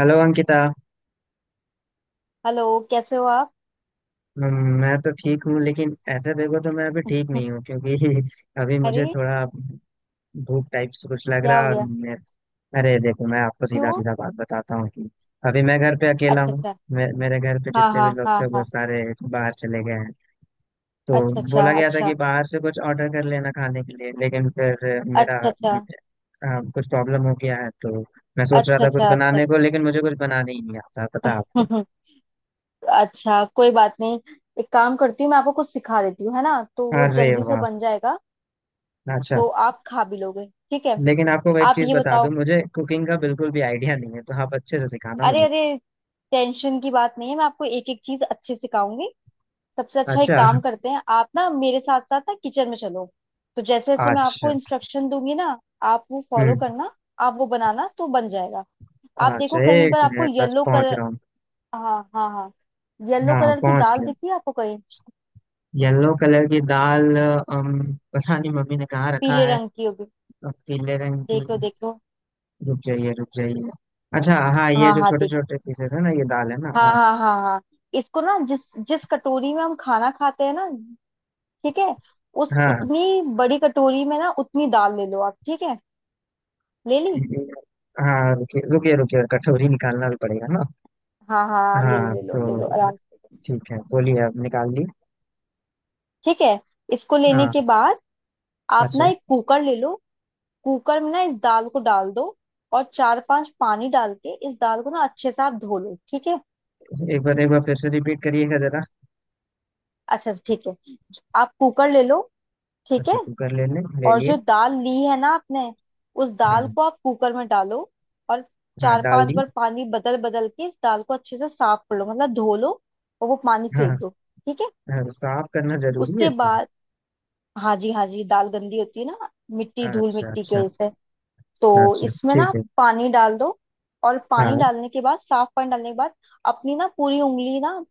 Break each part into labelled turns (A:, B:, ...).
A: Hello Ankita.
B: Hello. कैसे हो आप?
A: मैं तो ठीक हूँ, लेकिन ऐसे देखो तो मैं अभी ठीक नहीं हूँ क्योंकि अभी
B: अरे
A: मुझे थोड़ा भूख टाइप से कुछ लग
B: क्या
A: रहा
B: हो
A: है। और
B: गया?
A: मैं, अरे देखो, मैं आपको सीधा
B: क्यों?
A: सीधा बात बताता हूँ कि अभी मैं घर पे अकेला
B: अच्छा अच्छा।
A: हूँ। मेरे घर पे
B: हाँ
A: जितने
B: हाँ
A: भी लोग
B: हाँ
A: थे वो
B: हाँ।
A: सारे बाहर चले गए हैं, तो
B: अच्छा अच्छा
A: बोला गया था
B: अच्छा।
A: कि बाहर से कुछ ऑर्डर कर लेना खाने के लिए, लेकिन फिर मेरा
B: अच्छा। अच्छा
A: कुछ प्रॉब्लम हो गया है। तो मैं सोच रहा
B: अच्छा।
A: था कुछ
B: अच्छा। अच्छा
A: बनाने को, लेकिन मुझे कुछ बनाने ही नहीं आता, पता है आपको।
B: अच्छा। अच्छा, कोई बात नहीं। एक काम करती हूँ, मैं आपको कुछ सिखा देती हूँ, है ना, तो वो
A: अरे
B: जल्दी से
A: वाह।
B: बन जाएगा।
A: अच्छा,
B: तो आप खा भी लोगे। ठीक है,
A: लेकिन आपको मैं एक
B: आप
A: चीज
B: ये
A: बता दूं,
B: बताओ।
A: मुझे कुकिंग का बिल्कुल भी आइडिया नहीं है, तो आप अच्छे से सिखाना
B: अरे
A: मुझे।
B: अरे, टेंशन की बात नहीं है, मैं आपको एक एक चीज अच्छे से सिखाऊंगी। सबसे अच्छा एक
A: अच्छा
B: काम करते हैं, आप ना मेरे साथ साथ ना किचन में चलो। तो जैसे जैसे मैं आपको
A: अच्छा।
B: इंस्ट्रक्शन दूंगी ना, आप वो फॉलो
A: हम्म।
B: करना। आप वो बनाना तो बन जाएगा। आप देखो
A: अच्छा
B: कहीं
A: एक
B: पर आपको
A: मिनट, बस
B: येलो
A: पहुंच
B: कलर।
A: रहा हूँ।
B: हाँ हाँ हाँ। येलो
A: हाँ
B: कलर की
A: पहुंच
B: दाल
A: गया।
B: दिखी है आपको कहीं?
A: येलो कलर की दाल पता नहीं मम्मी ने कहाँ रखा
B: पीले
A: है।
B: रंग की होगी।
A: पीले रंग की।
B: देख लो देख लो।
A: रुक जाइए रुक जाइए। अच्छा हाँ, ये
B: हाँ
A: जो
B: हाँ
A: छोटे
B: देख।
A: छोटे पीसेस है ना, ये दाल है ना,
B: हाँ
A: हाँ
B: हाँ
A: ठीक।
B: हाँ हाँ। इसको ना जिस जिस कटोरी में हम खाना खाते हैं ना, ठीक है, उस
A: हाँ
B: उतनी बड़ी कटोरी में ना उतनी दाल ले लो आप। ठीक है, ले ली?
A: हाँ हाँ, रुकिए रुकिए रुकिए, कटोरी निकालना भी पड़ेगा ना।
B: हाँ हाँ ले लो
A: हाँ
B: ले लो ले लो
A: तो
B: आराम से।
A: ठीक है, बोलिए, अब निकाल ली।
B: ठीक है, इसको लेने
A: हाँ।
B: के बाद आप ना
A: अच्छा
B: एक कुकर ले लो। कुकर में ना इस दाल को डाल दो। और चार पांच पानी डाल के इस दाल को ना अच्छे से आप धो लो। ठीक है?
A: एक बार फिर से रिपीट करिएगा जरा।
B: अच्छा ठीक है, आप कुकर ले लो। ठीक है।
A: अच्छा कुकर ले लें, ले
B: और
A: लिए।
B: जो दाल ली है ना आपने, उस दाल
A: हाँ
B: को आप कुकर में डालो। और
A: हाँ
B: चार
A: डाल
B: पांच
A: दी।
B: बार पानी बदल बदल के इस दाल को अच्छे से साफ कर लो, मतलब धो लो। और वो पानी फेंक
A: हाँ
B: दो। ठीक है?
A: हाँ, साफ करना जरूरी है
B: उसके
A: इसको।
B: बाद, हाँ जी हाँ जी, दाल गंदी होती है ना, मिट्टी, धूल
A: अच्छा
B: मिट्टी की
A: अच्छा।
B: वजह से। तो
A: अच्छा
B: इसमें ना
A: ठीक है।
B: पानी डाल दो। और पानी
A: हाँ
B: डालने के बाद, साफ पानी डालने के बाद अपनी ना पूरी उंगली ना,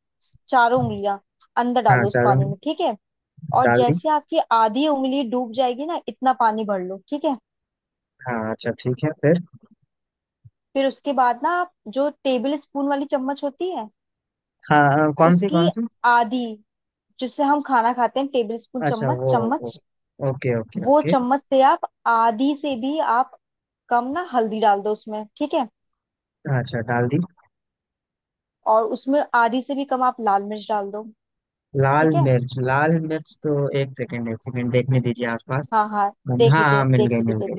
B: चारों उंगलियां अंदर
A: हाँ
B: डालो उस
A: चारों।
B: पानी में। ठीक है? और
A: डाल दी।
B: जैसे आपकी आधी उंगली डूब जाएगी ना, इतना पानी भर लो। ठीक है?
A: हाँ अच्छा ठीक है फिर।
B: फिर उसके बाद ना आप जो टेबल स्पून वाली चम्मच होती है,
A: हाँ हाँ, कौन सी कौन
B: उसकी
A: सी।
B: आधी, जिससे हम खाना खाते हैं, टेबल स्पून,
A: अच्छा
B: चम्मच
A: वो, वो
B: चम्मच,
A: ओके ओके
B: वो
A: ओके।
B: चम्मच से आप आधी से भी आप कम ना हल्दी डाल दो उसमें। ठीक है?
A: अच्छा डाल दी।
B: और उसमें आधी से भी कम आप लाल मिर्च डाल दो।
A: लाल
B: ठीक है?
A: मिर्च, लाल मिर्च तो। एक सेकेंड देखने दीजिए आसपास।
B: हाँ हाँ
A: हाँ।
B: देख लीजिए
A: हाँ मिल
B: देख
A: गई
B: लीजिए
A: मिल
B: देख
A: गई।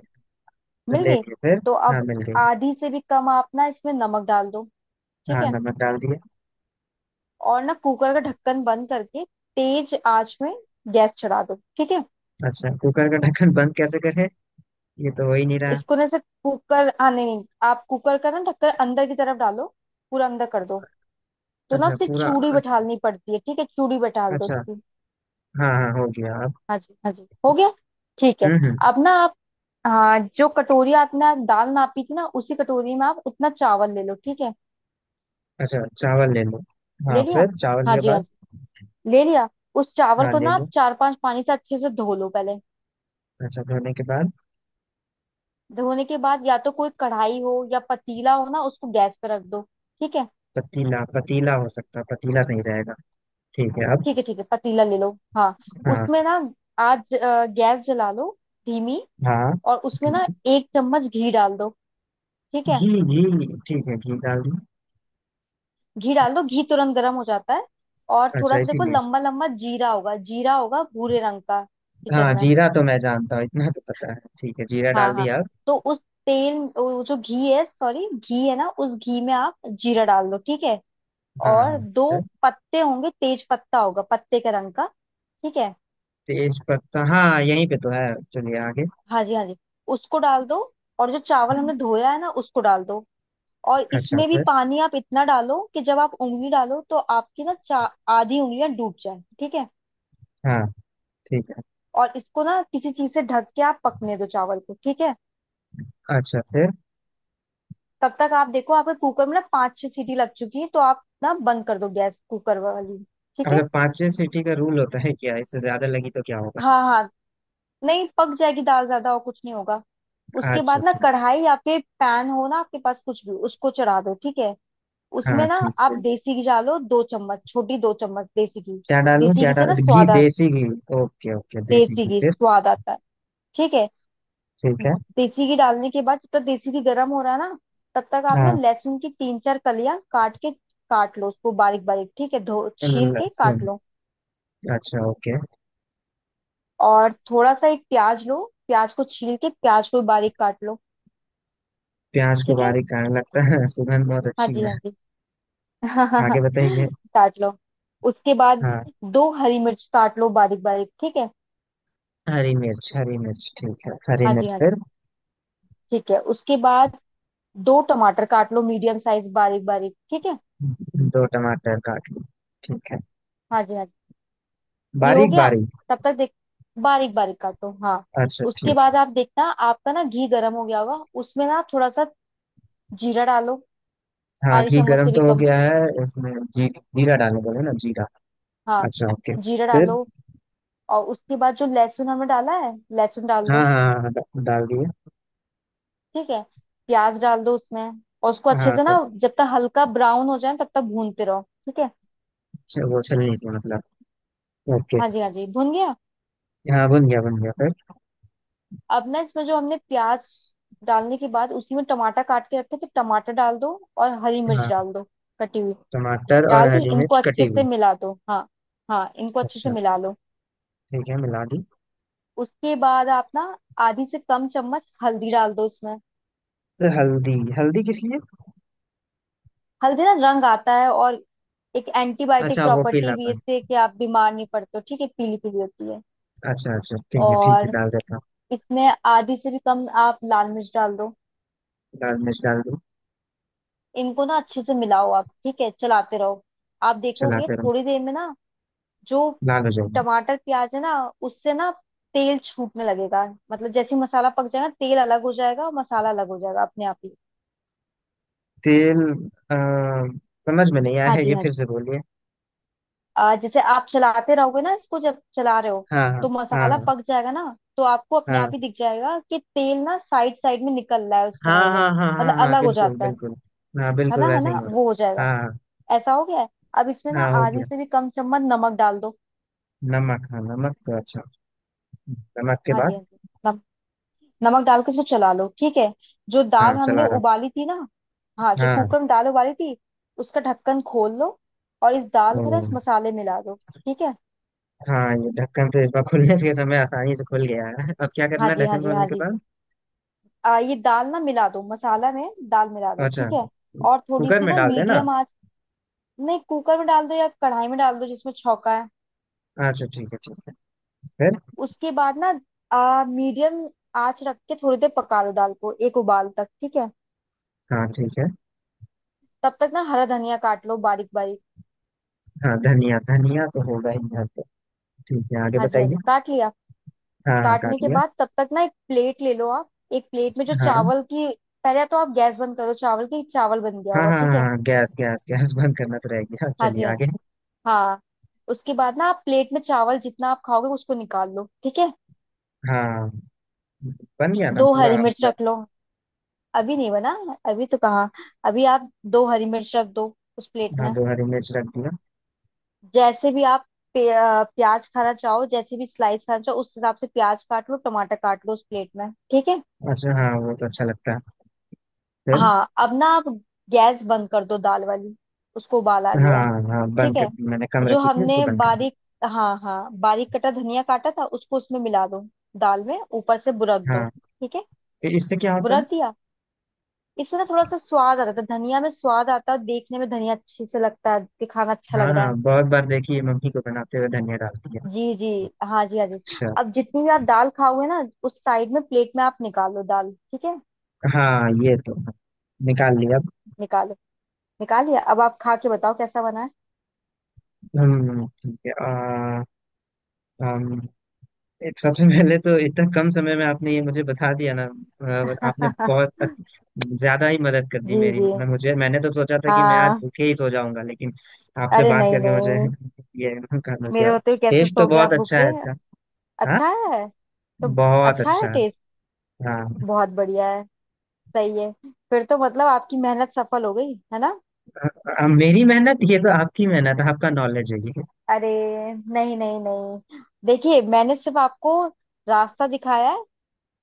B: लीजिए। मिल
A: ले
B: गई?
A: लिए फिर।
B: तो
A: हाँ
B: अब
A: मिल गई।
B: आधी से भी कम आप ना इसमें नमक डाल दो। ठीक
A: हाँ
B: है?
A: नमक डाल दिया।
B: और ना कुकर का ढक्कन बंद करके तेज आंच में गैस चढ़ा दो। ठीक है?
A: अच्छा कुकर का ढक्कन बंद कैसे करें? ये तो हो ही नहीं रहा।
B: इसको ना से कुकर, हाँ नहीं नहीं, आप कुकर का ना ढक्कन अंदर की तरफ डालो। पूरा अंदर कर दो। तो ना
A: अच्छा
B: उसकी
A: पूरा।
B: चूड़ी बैठालनी पड़ती है। ठीक है, चूड़ी बैठाल दो
A: अच्छा
B: उसकी।
A: हाँ हाँ हो गया अब।
B: हाँ जी हाँ जी, हो गया। ठीक है।
A: हम्म।
B: अब ना आप, हाँ जो कटोरी आपने दाल नापी थी ना, उसी कटोरी में आप उतना चावल ले लो। ठीक है,
A: अच्छा चावल ले लो। हाँ
B: ले लिया?
A: फिर चावल
B: हाँ
A: के
B: जी हाँ
A: बाद।
B: जी, ले लिया। उस चावल
A: हाँ
B: को
A: ले
B: ना आप
A: लो।
B: चार पांच पानी से अच्छे से धो लो पहले।
A: अच्छा धोने के बाद।
B: धोने के बाद या तो कोई कढ़ाई हो या पतीला हो ना, उसको गैस पे रख दो। ठीक है?
A: पतीला पतीला हो सकता है, पतीला सही रहेगा। ठीक है अब।
B: ठीक है ठीक है, पतीला ले लो। हाँ,
A: हाँ।
B: उसमें ना गैस जला लो, धीमी।
A: हाँ
B: और उसमें
A: घी
B: ना एक चम्मच घी डाल दो। ठीक है?
A: घी घी, ठीक है घी डाल दी।
B: घी डाल दो, घी तुरंत गर्म हो जाता है। और
A: अच्छा
B: थोड़ा सा देखो,
A: इसीलिए।
B: लंबा लंबा जीरा होगा, जीरा होगा भूरे रंग का, किचन
A: हाँ
B: में।
A: जीरा तो मैं जानता हूँ, इतना तो पता है, ठीक है जीरा डाल
B: हाँ हाँ।
A: दिया अब।
B: तो उस तेल, वो जो घी है, सॉरी घी है ना, उस घी में आप जीरा डाल दो। ठीक है?
A: हाँ
B: और
A: हाँ
B: दो
A: फिर।
B: पत्ते होंगे, तेज पत्ता होगा, पत्ते के रंग का। ठीक है?
A: तेज पत्ता हाँ यहीं पे तो है, चलिए आगे।
B: हाँ जी हाँ जी, उसको डाल दो। और जो चावल
A: हम्म।
B: हमने धोया है ना, उसको डाल दो। और
A: अच्छा
B: इसमें भी
A: फिर।
B: पानी आप इतना डालो कि जब आप उंगली डालो तो आपकी ना चा, आधी उंगलियां डूब जाए। ठीक है?
A: हाँ ठीक है।
B: और इसको ना किसी चीज से ढक के आप पकने दो चावल को। ठीक है?
A: अच्छा फिर।
B: तब तक आप देखो, आपके कुकर में ना पांच छह सीटी लग चुकी है तो आप ना बंद कर दो गैस कुकर वाली। ठीक
A: अच्छा
B: है?
A: पांचवें सीटी का रूल होता है क्या? इससे ज्यादा लगी तो क्या होगा?
B: हाँ हाँ, नहीं, पक जाएगी दाल ज्यादा, और कुछ नहीं होगा। उसके
A: अच्छा
B: बाद ना
A: ठीक।
B: कढ़ाई या फिर पैन हो ना आपके पास कुछ भी, उसको चढ़ा दो। ठीक है?
A: हाँ
B: उसमें ना
A: ठीक है।
B: आप देसी घी डालो, दो चम्मच छोटी, दो चम्मच देसी घी।
A: क्या डालूं?
B: देसी
A: क्या
B: घी से
A: डाल,
B: ना
A: घी,
B: स्वाद आ,
A: देसी घी। ओके ओके देसी
B: देसी
A: घी
B: घी
A: फिर।
B: स्वाद आता है। ठीक है?
A: ठीक है।
B: देसी घी डालने के बाद जब तक देसी घी गर्म हो रहा है ना, तब तक आप ना
A: हाँ
B: लहसुन की तीन चार कलियां काट के, काट लो उसको बारीक बारीक। ठीक है, धो छील के काट
A: लहसुन।
B: लो।
A: अच्छा ओके।
B: और थोड़ा सा एक प्याज लो, प्याज को छील के प्याज को बारीक काट लो।
A: प्याज को
B: ठीक है?
A: बारीक काटने लगता है सुगंध बहुत
B: हाँ
A: अच्छी
B: जी हाँ
A: है।
B: जी।
A: आगे बताइए।
B: काट लो। उसके बाद
A: हाँ।
B: दो हरी मिर्च काट लो बारीक बारीक। ठीक है?
A: हरी मिर्च, हरी मिर्च ठीक है, हरी
B: हाँ जी
A: मिर्च
B: हाँ जी।
A: फिर।
B: ठीक है, उसके बाद दो टमाटर काट लो, मीडियम साइज, बारीक बारीक। ठीक है?
A: दो टमाटर काट लो, ठीक है,
B: हाँ जी हाँ जी, ये हो
A: बारीक
B: गया।
A: बारीक।
B: तब तक देख, बारीक बारीक काटो, हाँ।
A: अच्छा
B: उसके
A: ठीक।
B: बाद आप देखना, आपका ना घी गर्म हो गया होगा, उसमें ना थोड़ा सा जीरा डालो,
A: हाँ
B: आधी
A: घी
B: चम्मच
A: गर्म
B: से भी
A: तो हो
B: कम।
A: गया है इसमें जी। जीरा डालने बोले ना, जीरा।
B: हाँ,
A: अच्छा ओके
B: जीरा डालो।
A: फिर।
B: और उसके बाद जो लहसुन हमने डाला है, लहसुन डाल
A: हाँ
B: दो।
A: हाँ हाँ, डाल दिया।
B: ठीक है? प्याज डाल दो उसमें। और उसको अच्छे
A: हाँ
B: से ना
A: सब।
B: जब तक हल्का ब्राउन हो जाए तब तक भूनते रहो। ठीक है?
A: वो छलनी से मतलब। ओके।
B: हाँ जी हाँ जी, भून गया।
A: हाँ बन गया फिर।
B: अब ना इसमें जो हमने प्याज डालने के बाद उसी में टमाटर काट के रखे थे, टमाटर डाल दो और हरी मिर्च
A: हाँ
B: डाल दो, कटी हुई।
A: टमाटर और
B: डाल दी?
A: हरी
B: इनको
A: मिर्च कटी
B: अच्छे से
A: हुई।
B: मिला दो, हाँ हाँ, इनको अच्छे से
A: अच्छा
B: मिला लो।
A: ठीक है मिला दी।
B: उसके बाद आप ना आधी से कम चम्मच हल्दी डाल दो इसमें।
A: तो हल्दी, हल्दी किस लिए?
B: हल्दी ना रंग आता है, और एक एंटीबायोटिक
A: अच्छा वो
B: प्रॉपर्टी भी है
A: पीलापन।
B: इससे कि आप बीमार नहीं पड़ते हो। ठीक है, पीली पीली होती है।
A: अच्छा अच्छा ठीक है, ठीक है
B: और
A: डाल देता हूँ।
B: इसमें आधी से भी कम आप लाल मिर्च डाल दो।
A: लाल मिर्च डाल दूँ।
B: इनको ना अच्छे से मिलाओ आप। ठीक है, चलाते रहो। आप देखोगे
A: चलाते रहो।
B: थोड़ी देर में ना, जो
A: लाल हो जाएगी।
B: टमाटर प्याज है ना, उससे ना तेल छूटने लगेगा। मतलब जैसे ही मसाला पक जाएगा, तेल अलग हो जाएगा और मसाला अलग हो जाएगा अपने आप ही।
A: तेल। आ, समझ में नहीं आया
B: हाँ
A: है
B: जी
A: ये,
B: हाँ
A: फिर
B: जी।
A: से बोलिए।
B: जैसे आप चलाते रहोगे ना इसको, जब चला रहे हो
A: हाँ
B: तो मसाला
A: हाँ
B: पक जाएगा ना, तो आपको अपने आप
A: हाँ
B: ही दिख जाएगा कि तेल ना साइड साइड में निकल रहा है उस
A: हाँ
B: कढ़ाई में,
A: हाँ हाँ हाँ हाँ
B: मतलब
A: हाँ हाँ,
B: अलग हो
A: बिल्कुल
B: जाता है।
A: बिल्कुल। हाँ
B: है
A: बिल्कुल
B: ना, है
A: वैसे ही
B: ना,
A: हो
B: वो हो
A: रहा है
B: जाएगा।
A: हाँ।
B: ऐसा हो गया है। अब इसमें
A: हाँ
B: ना
A: हाँ, हो
B: आधी
A: गया।
B: से भी कम चम्मच नमक डाल दो।
A: नमक, हाँ नमक तो अच्छा। नमक के
B: हाँ जी
A: बाद।
B: हाँ जी। नम, नमक डाल के इसको चला लो। ठीक है? जो दाल
A: हाँ
B: हमने
A: चला रहा हूँ।
B: उबाली थी ना, हाँ जो
A: हाँ।
B: कुकर में दाल उबाली थी, उसका ढक्कन खोल लो। और इस दाल को ना इस
A: हम्म।
B: मसाले में मिला दो। ठीक है?
A: हाँ ये ढक्कन तो इस बार खुलने के समय आसानी से खुल गया है, अब क्या
B: हाँ
A: करना है
B: जी हाँ
A: ढक्कन
B: जी
A: खोलने
B: हाँ
A: के
B: जी।
A: बाद?
B: ये दाल ना मिला दो मसाला में, दाल मिला दो।
A: अच्छा
B: ठीक है? और थोड़ी
A: कुकर
B: सी
A: में
B: ना
A: डाल देना।
B: मीडियम आंच, नहीं कुकर में डाल दो या कढ़ाई में डाल दो जिसमें छौंका है।
A: अच्छा ठीक है, ठीक है फिर।
B: उसके बाद ना मीडियम आंच रख के थोड़ी देर पका लो दाल को, एक उबाल तक। ठीक है?
A: हाँ ठीक है।
B: तब तक ना हरा धनिया काट लो बारीक बारीक।
A: हाँ धनिया, धनिया तो होगा ही घर पे। ठीक है आगे
B: हाँ जी हाँ जी,
A: बताइए।
B: काट लिया।
A: हाँ हाँ
B: काटने
A: काट
B: के
A: लिया।
B: बाद तब तक ना एक प्लेट ले लो आप, एक प्लेट में जो
A: हाँ
B: चावल की, पहले तो आप गैस बंद करो, चावल की, चावल बन गया
A: हाँ
B: होगा।
A: हाँ
B: ठीक
A: हाँ
B: है?
A: हाँ, गैस गैस गैस बंद करना तो रह गया,
B: हाँ जी
A: चलिए
B: हाँ
A: आगे।
B: जी हाँ। उसके बाद ना आप प्लेट में चावल जितना आप खाओगे उसको निकाल लो। ठीक है?
A: हाँ बन गया ना
B: दो
A: पूरा
B: हरी मिर्च
A: मतलब।
B: रख लो। अभी नहीं बना, अभी तो कहाँ। अभी आप दो हरी मिर्च रख दो उस प्लेट
A: हाँ
B: में।
A: दो हरी मिर्च रख दिया।
B: जैसे भी आप प्याज खाना चाहो, जैसे भी स्लाइस खाना चाहो उस हिसाब से प्याज काट लो, टमाटर काट लो उस प्लेट में। ठीक है?
A: अच्छा हाँ वो तो अच्छा लगता है, फिर।
B: हाँ, अब ना आप गैस बंद कर दो दाल वाली, उसको उबाल आ गया है।
A: हाँ हाँ
B: ठीक
A: बंद कर
B: है?
A: दी, मैंने कम
B: जो
A: रखी थी उसको
B: हमने
A: बंद कर दिया।
B: बारीक, हाँ हाँ बारीक कटा धनिया काटा था, उसको उसमें मिला दो, दाल में ऊपर से बुरक दो।
A: हाँ
B: ठीक है?
A: तो इससे क्या होता है?
B: बुरक दिया? इससे ना थोड़ा सा स्वाद आता है, धनिया में स्वाद आता है, और देखने में धनिया अच्छी से लगता है, दिखाना अच्छा
A: हाँ
B: लग रहा है।
A: हाँ बहुत बार देखिए मम्मी को बनाते हुए धनिया डालती है।
B: जी जी, हाँ जी हाँ जी।
A: अच्छा।
B: अब जितनी भी आप दाल खाओगे ना, उस साइड में प्लेट में आप निकालो दाल। ठीक है,
A: हाँ ये तो है। निकाल लिया।
B: निकालो। निकालिए। अब आप खा के बताओ कैसा बना
A: ठीक है। हम, एक, सबसे पहले तो इतना कम समय में आपने ये मुझे बता दिया ना,
B: है।
A: आपने बहुत ज्यादा ही मदद कर दी
B: जी
A: मेरी,
B: जी,
A: मतलब मुझे, मैंने तो सोचा था कि मैं आज
B: हाँ।
A: भूखे ही सो जाऊंगा, लेकिन आपसे
B: अरे
A: बात
B: नहीं
A: करके मुझे
B: नहीं,
A: ये, करना
B: मेरे
A: क्या।
B: होते हुए कैसे
A: टेस्ट तो
B: सो गया
A: बहुत
B: आप
A: अच्छा है
B: भूखे?
A: इसका। हाँ
B: अच्छा है? तो
A: बहुत
B: अच्छा है
A: अच्छा है।
B: टेस्ट।
A: हाँ
B: बहुत बढ़िया है, सही है। फिर तो मतलब आपकी मेहनत सफल हो गई है ना?
A: मेरी मेहनत, ये तो आपकी मेहनत, आपका नॉलेज है ये।
B: अरे नहीं नहीं नहीं, देखिए मैंने सिर्फ आपको रास्ता दिखाया है,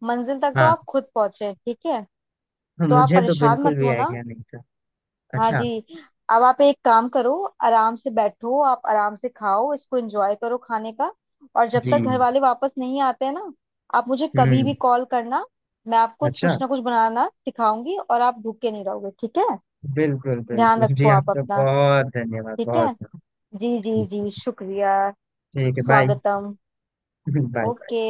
B: मंजिल तक तो
A: हाँ
B: आप खुद पहुंचे। ठीक है, तो आप
A: मुझे तो
B: परेशान
A: बिल्कुल
B: मत
A: भी
B: होना।
A: आइडिया नहीं था।
B: हाँ
A: अच्छा।
B: जी। अब आप एक काम करो, आराम से बैठो, आप आराम से खाओ, इसको एंजॉय करो खाने का। और जब
A: जी।
B: तक घर वाले वापस नहीं आते हैं ना, आप मुझे कभी भी
A: हम्म।
B: कॉल करना, मैं आपको
A: अच्छा।
B: कुछ ना कुछ बनाना सिखाऊंगी और आप भूखे नहीं रहोगे। ठीक है?
A: बिल्कुल
B: ध्यान
A: बिल्कुल
B: रखो
A: जी,
B: आप
A: आपका
B: अपना।
A: बहुत धन्यवाद,
B: ठीक है,
A: बहुत बहुत।
B: जी जी
A: ठीक,
B: जी, शुक्रिया।
A: ठीक है, बाय
B: स्वागतम।
A: बाय।
B: ओके।